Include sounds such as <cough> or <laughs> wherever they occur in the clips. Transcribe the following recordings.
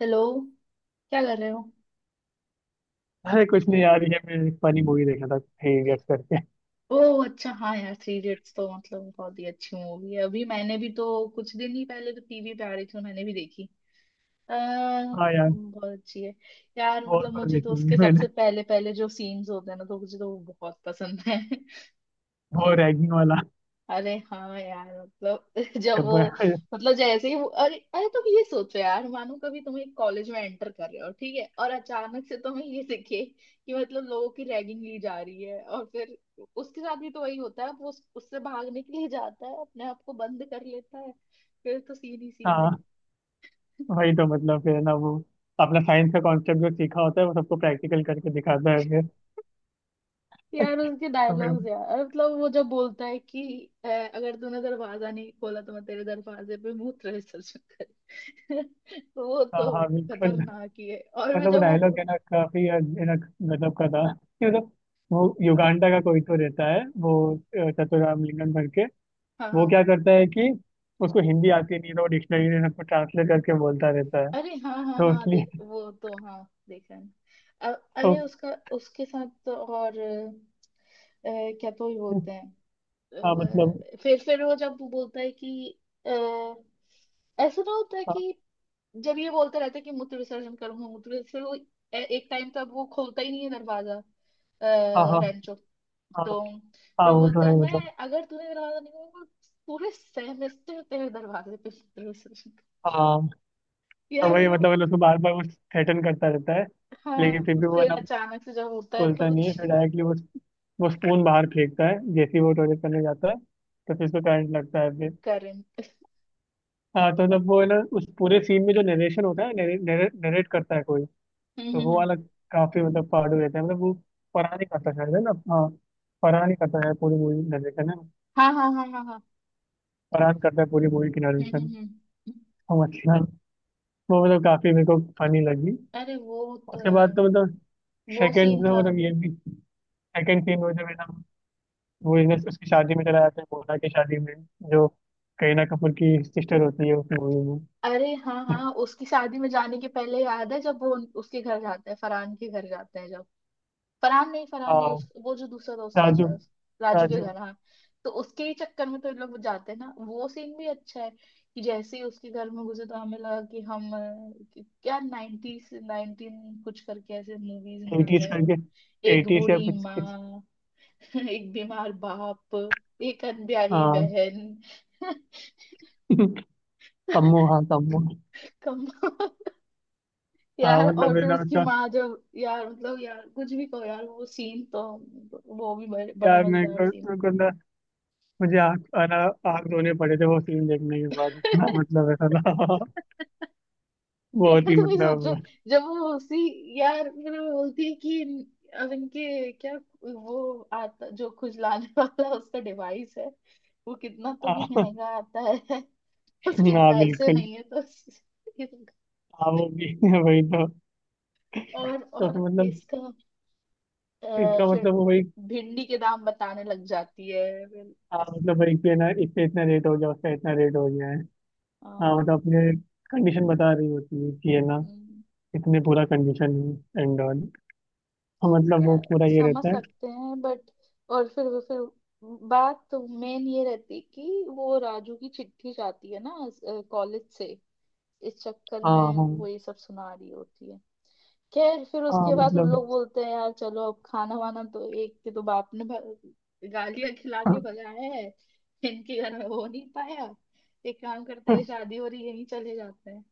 Hello, क्या कर रहे हो? अरे कुछ नहीं यार, ये मैं एक फनी मूवी देखा था, थ्री इडियट्स करके। ओह अच्छा, हाँ यार, थ्री इडियट्स तो मतलब बहुत ही अच्छी मूवी है। अभी मैंने भी तो कुछ दिन ही पहले तो टीवी पे आ रही थी तो मैंने भी देखी। अह हाँ यार, बहुत अच्छी है। यार बहुत मतलब बार मुझे देखी तो हुई है उसके <laughs> सबसे मैंने। पहले पहले जो सीन्स होते हैं ना तो मुझे तो वो बहुत पसंद है। वो रैगिंग वाला अरे हाँ यार, मतलब <laughs> जब वो, जब। मतलब जैसे ही वो, अरे अरे तुम ये सोचो यार, मानो कभी तुम एक कॉलेज में एंटर कर रहे हो, ठीक है, और अचानक से तुम्हें ये दिखे कि मतलब लोगों की रैगिंग ली जा रही है और फिर उसके साथ भी तो वही होता है। वो उससे भागने के लिए जाता है, अपने आप को बंद कर लेता है, फिर तो सीन ही सीन है। हाँ वही तो, मतलब फिर ना वो अपना साइंस का कॉन्सेप्ट जो सीखा होता है वो सबको प्रैक्टिकल करके दिखाता है फिर। यार उनके तो फिर डायलॉग्स, यार मतलब वो जब बोलता है कि अगर तूने दरवाजा नहीं खोला तो मैं तेरे दरवाजे पे मूत्र विसर्जन कर, <laughs> तो वो हाँ तो हाँ बिल्कुल। खतरनाक ही है। और मैं मतलब वो जब डायलॉग है ना, काफी है ना, गजब का था कि मतलब वो हाँ युगांडा का कोई तो रहता है वो, चतुराम लिंगम करके। हाँ वो हाँ। क्या करता है कि उसको हिंदी आती नहीं, तो वो डिक्शनरी से सबको ट्रांसलेट करके बोलता रहता है, अरे हाँ हाँ तो हाँ, देख इसलिए। वो तो हाँ देखा है। अरे उसका उसके साथ तो, और क्या तो ही तो बोलते हैं। हाँ मतलब। फिर वो जब बोलता है कि अ, ऐसा ना होता है हाँ कि जब ये बोलते रहते कि मूत्र विसर्जन करूंगा मूत्र विसर्जन, वो एक टाइम तक वो खोलता ही नहीं है दरवाजा। हाँ हाँ रेंचो, हाँ तो हाँ, फिर वो वो तो बोलता है है, मैं मतलब। अगर तूने दरवाजा नहीं खोला तो पूरे सेमेस्टर तेरे दरवाजे पे मूत्र विसर्जन कर-" हाँ, <laughs> तो यार वही वो। मतलब उसको बार बार वो थ्रेटन करता रहता है। हाँ लेकिन फिर भी वो है ना, फिर अचानक से जब होता है खोलता तो नहीं है। फिर डायरेक्टली वो स्पून बाहर फेंकता है। जैसे ही वो टॉयलेट करने जाता है तो फिर उसको करंट लगता है फिर। करंट। <laughs> हाँ, तो मतलब वो है ना, उस पूरे सीन में जो नरेशन होता है, नरेट करता है कोई, हम्म तो हम्म वो हम्म। वाला काफी मतलब फाड़ू रहता है। मतलब वो फरहान ही करता है शायद, है ना। हाँ, फरहान ही करता है पूरी मूवी नरेशन, है ना। हाँ हाँ हाँ हाँ हाँ। फरहान करता है पूरी मूवी की हम्म नरेशन। हम्म हम्म। समझ गया। वो मतलब काफी मेरे को फनी लगी। अरे वो तो उसके यार बाद तो मतलब वो सेकंड सीन तो था। मतलब, ये भी सेकंड सीन में जब है ना वो, इधर उसकी शादी में चला जाता है, मोना की शादी में, जो करीना कपूर की सिस्टर होती है उस मूवी में। अरे हाँ हाँ, उसकी शादी में जाने के पहले याद है जब वो उसके घर जाते हैं, फरहान के घर जाते हैं। जब फरहान नहीं, फरहान नहीं, हाँ, उस वो जो दूसरा दोस्त राजू। रहता है, राजू के राजू। घर। हाँ तो उसके ही चक्कर में तो इन लोग जाते हैं ना, वो सीन भी अच्छा है। कि जैसे ही उसके घर में घुसे तो हमें लगा कि हम क्या नाइनटीज नाइनटीन कुछ करके ऐसे मूवीज में आ एटीज गए हो। करके। एक एटीज या बूढ़ी कुछ कुछ। माँ <laughs> एक बीमार बाप, एक अनब्याही हाँ बहन <laughs> <laughs> कम्मो, हाँ कम्मो। कम। हाँ यार और मतलब, है फिर ना उसकी उसका। माँ जब, यार मतलब, यार कुछ भी कहो यार, वो सीन तो, वो भी बड़ा यार मेरे मजेदार को सीन मेरे को ना, मुझे आँख आना, आँख रोने पड़े थे वो सीन देखने के बाद। इतना है। <laughs> मतलब, ऐसा था <laughs> बहुत यार ही तुम ही सोचो, मतलब जब वो उसी, यार फिर वो बोलती है कि अब इनके क्या, वो आता जो खुजलाने <laughs> वाला उसका डिवाइस है, वो कितना तो भी <laughs> महंगा आता है, उसके हाँ पैसे बिल्कुल। नहीं है तो <laughs> इस- हाँ वो भी <laughs> वही तो। और तो फिर और मतलब, इसका, इसका फिर मतलब वो वही। भिंडी के दाम बताने लग जाती है। फिर हाँ मतलब वही कि ना, इससे इतना रेट हो गया, उसका इतना रेट हो गया है। हाँ आ, मतलब अपने कंडीशन बता रही होती है कि है ना, इतने पूरा कंडीशन है एंड ऑल। हाँ मतलब वो यार पूरा ये समझ रहता है। सकते हैं बट, और फिर वो, फिर बात तो मेन ये रहती कि वो राजू की चिट्ठी जाती है ना कॉलेज से, इस चक्कर हाँ में हाँ। वो ये सब सुना रही होती है। खैर फिर हाँ उसके बाद उन मतलब लोग बोलते हैं, यार चलो अब खाना वाना, तो एक के तो बाप ने गालियां खिला के भगाया है, इनके घर में हो नहीं पाया, एक काम करते हैं, <laughs> शादी हो रही है, यहीं चले जाते हैं,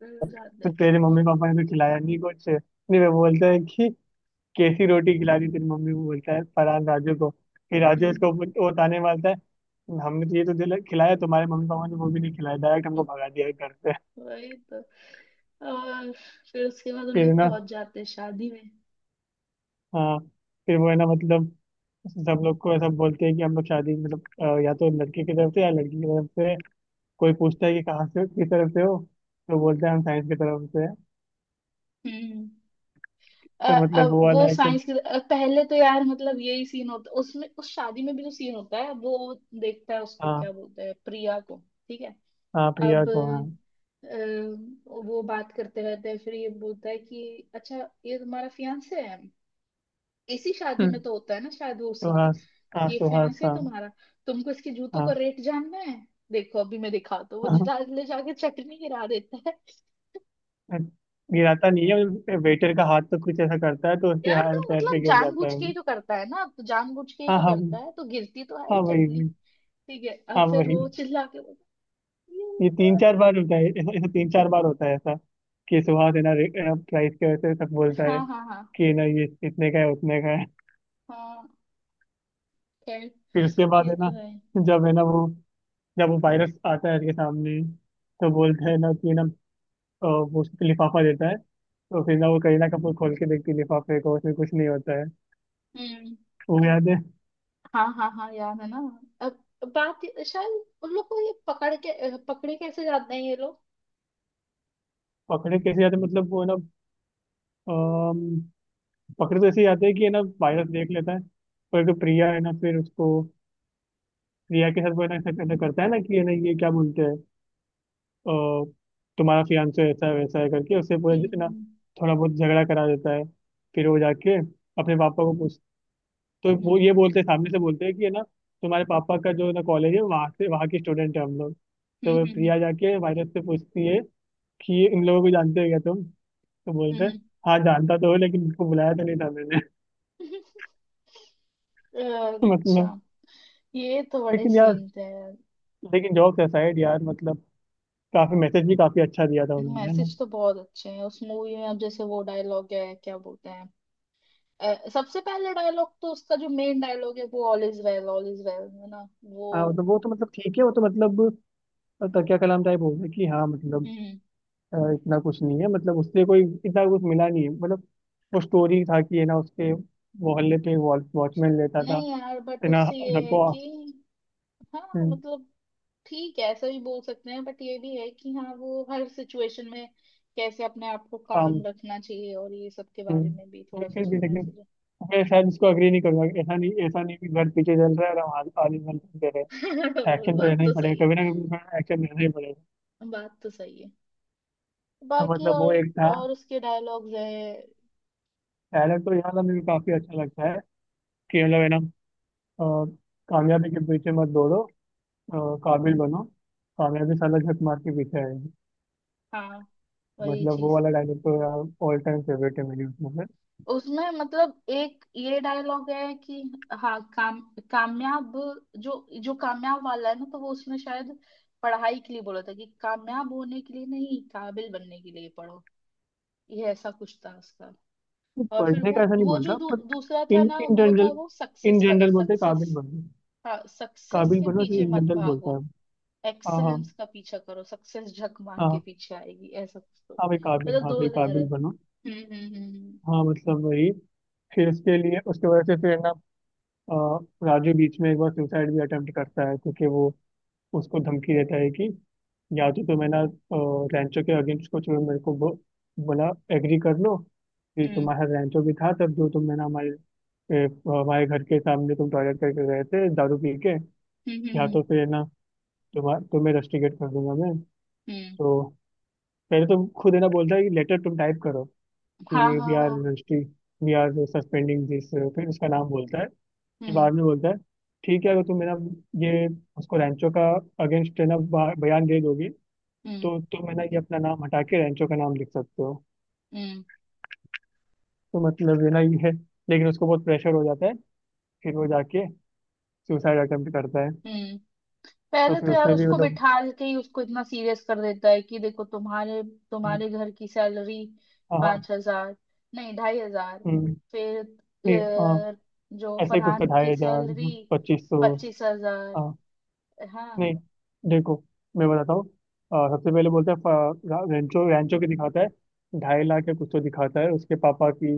चले जाते तो तेरे हैं। मम्मी पापा ने तो खिलाया नहीं कुछ। नहीं, वो बोलता है कि कैसी रोटी खिला दी तेरी मम्मी को, बोलता है फरहान राजू को। फिर राजू हम्म, इसको वो ताने मारता है, हमने तो ये तो दिल खिलाया, तुम्हारे मम्मी पापा ने वो भी नहीं खिलाया, डायरेक्ट हमको भगा दिया है घर से। वही तो। और फिर उसके बाद उन फिर लोग ना, पहुंच जाते हैं शादी में। हाँ फिर वो है ना मतलब, सब लोग को ऐसा बोलते हैं कि हम लोग शादी मतलब, या तो लड़के की तरफ से या लड़की की तरफ से। कोई पूछता है कि कहाँ से, किस तरफ से हो, तो बोलते हैं हम साइंस की तरफ से हैं। हम्म। अ- तो अ- मतलब वो वाला वो है कि। साइंस की, पहले तो यार मतलब यही सीन होता है उसमें, उस शादी में भी जो सीन होता है वो, देखता है उसको क्या हाँ, बोलते हैं, प्रिया को, ठीक है। हाँ प्रिया अब को, हाँ। वो बात करते रहते हैं, फिर ये बोलता है कि अच्छा ये तुम्हारा फियांसे है, इसी शादी में हम्म, तो होता है ना शायद वो सीन। सुहास। हाँ ये सुहास फियांसे है हाँ। तुम्हारा, तुमको इसके जूतों का रेट जानना है, देखो अभी मैं दिखाता हूँ। वो हाँ <laughs> ले जाके चटनी गिरा देता है। गिराता नहीं है, वेटर का हाथ तो कुछ ऐसा करता है तो उसके यार हाथ तो पैर पे मतलब गिर जाता जानबूझ है के ही वो। तो करता है ना, तो जानबूझ के ही हाँ तो हाँ। करता है, तो गिरती तो है ही हाँ वही चटनी। वही। ठीक है, अब हाँ फिर वही। वो चिल्ला के बोलता है, "ये ये तीन बुआ चार बार होता ने-" है ऐसा, कि सुहास है ना, प्राइस के वजह से सब बोलता है हाँ हाँ हाँ कि ना ये इतने का है, उतने का है। हाँ। खैर, फिर उसके बाद ये है तो ना, है। जब है ना वो, जब वो वायरस आता है उसके सामने, तो बोलता है ना कि ना, वो उसको लिफाफा देता है। तो फिर ना वो करीना कपूर खोल के देखती है लिफाफे को, उसमें कुछ नहीं होता है, हम्म, वो याद है। हाँ हाँ हाँ यार है ना। अब बात शायद उन लोग को ये पकड़ के, पकड़े कैसे जाते हैं ये लोग। पकड़े कैसे जाते मतलब वो ना, अम्म, पकड़े तो ऐसे ही आते हैं कि है ना वायरस देख लेता है। पर जो प्रिया है ना, फिर उसको, प्रिया के साथ वो है ना ऐसा ऐसा करता है ना कि है ना, ये क्या बोलते हैं, अ, तुम्हारा फियांसे ऐसा है वैसा है करके उससे पूरा है ना, हम्म थोड़ा बहुत झगड़ा करा देता है। फिर वो जाके अपने पापा को पूछ, तो वो ये हम्म बोलते हैं सामने से, बोलते हैं कि है ना, तुम्हारे पापा का जो है ना कॉलेज है, वहाँ से, वहाँ के स्टूडेंट है हम लोग। तो वो हम्म हम्म प्रिया जाके वायरस से पूछती है कि ये, इन लोगों को जानते हो क्या तुम, तो बोलते हैं हम्म, हाँ जानता तो हो, लेकिन इनको बुलाया तो नहीं था मैंने। हम्म। <laughs> <laughs> मतलब। अच्छा, ये तो बड़े लेकिन यार, सीन थे यार। लेकिन जॉब असाइड यार, मतलब काफी मैसेज भी काफी अच्छा दिया था उन्होंने, है ना। मैसेज तो बहुत अच्छे हैं उस मूवी में, अब जैसे वो डायलॉग है क्या बोलते हैं, सबसे पहले डायलॉग तो उसका जो मेन डायलॉग है वो all is well, all is well, है ना वो। हाँ मतलब वो तो मतलब ठीक है, वो तो मतलब, तकिया कलाम टाइप हो गया कि हाँ मतलब, हम्म। इतना कुछ नहीं है मतलब, उससे कोई इतना कुछ मिला नहीं है मतलब। वो स्टोरी था कि है ना, उसके मोहल्ले पे वॉचमैन लेता था, नहीं यार, बट है ना उससे ये है सबको। कि हाँ हम्म, मतलब, ठीक है ऐसा भी बोल सकते हैं, बट ये भी है कि हाँ, वो हर सिचुएशन में कैसे अपने आप को आम। काम रखना चाहिए और ये सब के हम्म, बारे में भी थोड़ा सा लेकिन भी उसमें लेकिन मैसेज मैं शायद इसको अग्री नहीं करूंगा कि ऐसा नहीं, ऐसा नहीं कि घर पीछे चल रहा है और हम आगे आगे चल रहे है। <laughs> हैं। वो एक्शन तो बात रहना ही तो सही पड़ेगा, है, कभी ना कभी एक्शन रहना ही पड़ेगा। बात तो सही है। तो बाकी मतलब वो और एक था। और उसके डायलॉग्स हैं। डायलॉग तो यहाँ का मुझे काफी अच्छा लगता है कि, मतलब है ना, अ, कामयाबी के पीछे मत दौड़ो, अ, काबिल बनो, कामयाबी साला झक मार के पीछे आएगी। हाँ वही मतलब वो चीज वाला डायलॉग तो यार ऑल टाइम फेवरेट है मेरी उसमें से। उसमें मतलब एक ये डायलॉग है कि हाँ, काम, कामयाब, जो जो कामयाब वाला है ना, तो वो उसने शायद पढ़ाई के लिए बोला था कि कामयाब होने के लिए नहीं, काबिल बनने के लिए पढ़ो, ये ऐसा कुछ था उसका। तो और फिर पढ़ने वो का ऐसा नहीं वो बोल जो रहा, दूसरा पर था इन ना, इन वो था जनरल, वो इन सक्सेस का था, जनरल बोलते हैं काबिल सक्सेस। बनो। हाँ सक्सेस काबिल के बनो से पीछे इन मत जनरल बोलता भागो, है। हाँ हाँ। एक्सेलेंस का पीछा करो, सक्सेस झक मार के हाँ पीछे आएगी, ऐसा कुछ तो। हाँ भाई काबिल, मतलब हाँ दो भाई अलग काबिल अलग। बनो। हम्म हम्म हाँ मतलब वही। फिर उसके लिए, उसके वजह से फिर है ना, अ, राजू बीच में एक बार सुसाइड भी अटेम्प्ट करता है, क्योंकि वो उसको धमकी देता है कि या तो तुम है ना, रैंचो के अगेंस्ट कुछ भी मेरे को बोला, एग्री कर लो कि हम्म तुम्हारा रैंचो भी था तब जो तुम है ना हमारे, ए, हमारे घर के सामने तुम टॉयलेट करके गए थे दारू पी के, हम्म हम्म हम्म या हम्म हम्म, तो फिर है ना तुम्हारा, तुम्हें रस्टिकेट कर दूंगा मैं। हम्म। तो पहले तुम खुद है ना, बोलता है कि लेटर तुम टाइप करो हाँ कि वी हाँ आर हाँ। Rusty, we are suspending this. फिर उसका नाम बोलता है कि, हम्म बाद में बोलता है ठीक है, अगर तुम मेरा ये उसको रैंचो का अगेंस्ट है ना बयान दे दोगे, हम्म तो तुम है ना ये अपना नाम हटा के रेंचो का नाम लिख सकते हो। हम्म तो मतलब ये ना ये है। लेकिन उसको बहुत प्रेशर हो जाता है, फिर वो जाके सुसाइड अटेम्प्ट करता है। हम्म। तो पहले फिर तो यार उसमें भी उसको मतलब। बिठा के ही उसको इतना सीरियस कर देता है कि देखो, तुम्हारे हम्म, तुम्हारे घर की सैलरी हाँ हाँ। 5,000, नहीं 2,500। हम्म, फिर नहीं हाँ, अ, जो ऐसे ही कुछ तो, फरहान की 2,500, सैलरी 2,500। पच्चीस हाँ। हजार हाँ। नहीं, देखो मैं बताता हूँ। सबसे पहले बोलते हैं रेंचो, रेंचो की दिखाता है 2.5 लाख या कुछ तो दिखाता है उसके पापा की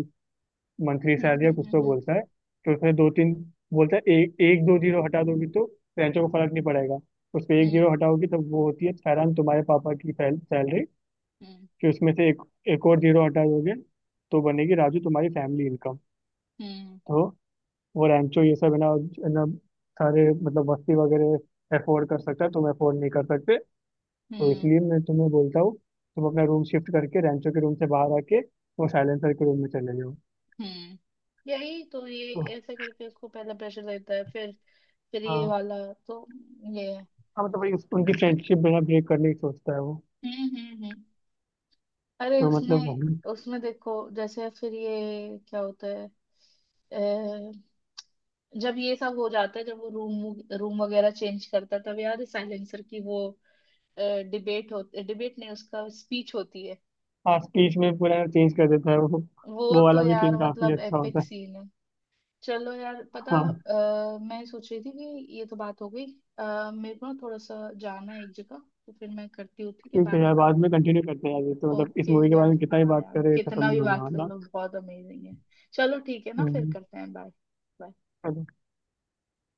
मंथली हम्म सैलरी या हम्म कुछ तो हम्म बोलता है। तो उसमें दो तीन बोलता है, एक एक दो जीरो हटा दोगी तो रेंचो को फर्क नहीं पड़ेगा। उसमें एक हम्म जीरो हटाओगी तब वो होती है फैरान तुम्हारे पापा की सैलरी। हम्म फिर उसमें से एक एक और जीरो हटा दोगे, तो बनेगी राजू तुम्हारी फैमिली इनकम। हम्म तो वो रेंचो ये सब है ना, है ना, सारे मतलब वस्ती वगैरह अफोर्ड कर सकता है, तुम अफोर्ड नहीं कर सकते। हम्म तो हम्म इसलिए मैं तुम्हें बोलता हूँ, तुम अपना रूम शिफ्ट करके रेंचो के रूम से बाहर आके वो साइलेंसर के रूम में चले जाओ। हम्म। यही तो, ये तो ऐसे करके उसको पहले प्रेशर देता है, फिर ये हाँ। वाला, तो ये है। हाँ मतलब इस-, उनकी फ्रेंडशिप बिना ब्रेक करने की सोचता है वो। हम्म। अरे तो मतलब उसमें हम-। उसमें देखो जैसे फिर ये क्या होता है, अ, जब ये सब हो जाता है, जब वो रूम रूम वगैरह चेंज करता है, तब याद है साइलेंसर की वो डिबेट होती, डिबेट नहीं उसका स्पीच होती है। हाँ, स्पीच में पूरा चेंज कर देता है वो। वो वो तो वाला भी यार सीन काफी मतलब अच्छा एपिक होता है। सीन है। चलो यार, पता, हाँ मैं सोच रही थी कि ये तो बात हो गई। मेरे को ना थोड़ा सा जाना है एक जगह, तो फिर मैं करती हूँ, ठीक है, ठीक बाद है में यार, बात बाद करते में हैं। कंटिन्यू करते हैं यार। ये तो मतलब इस ओके मूवी के बारे यार, में कितना ही हाँ बात यार, करें खत्म कितना नहीं भी होने बात कर वाला। लो बहुत अमेजिंग है। चलो ठीक है ना, फिर हम्म, करते हैं। Bye, bye. चलो।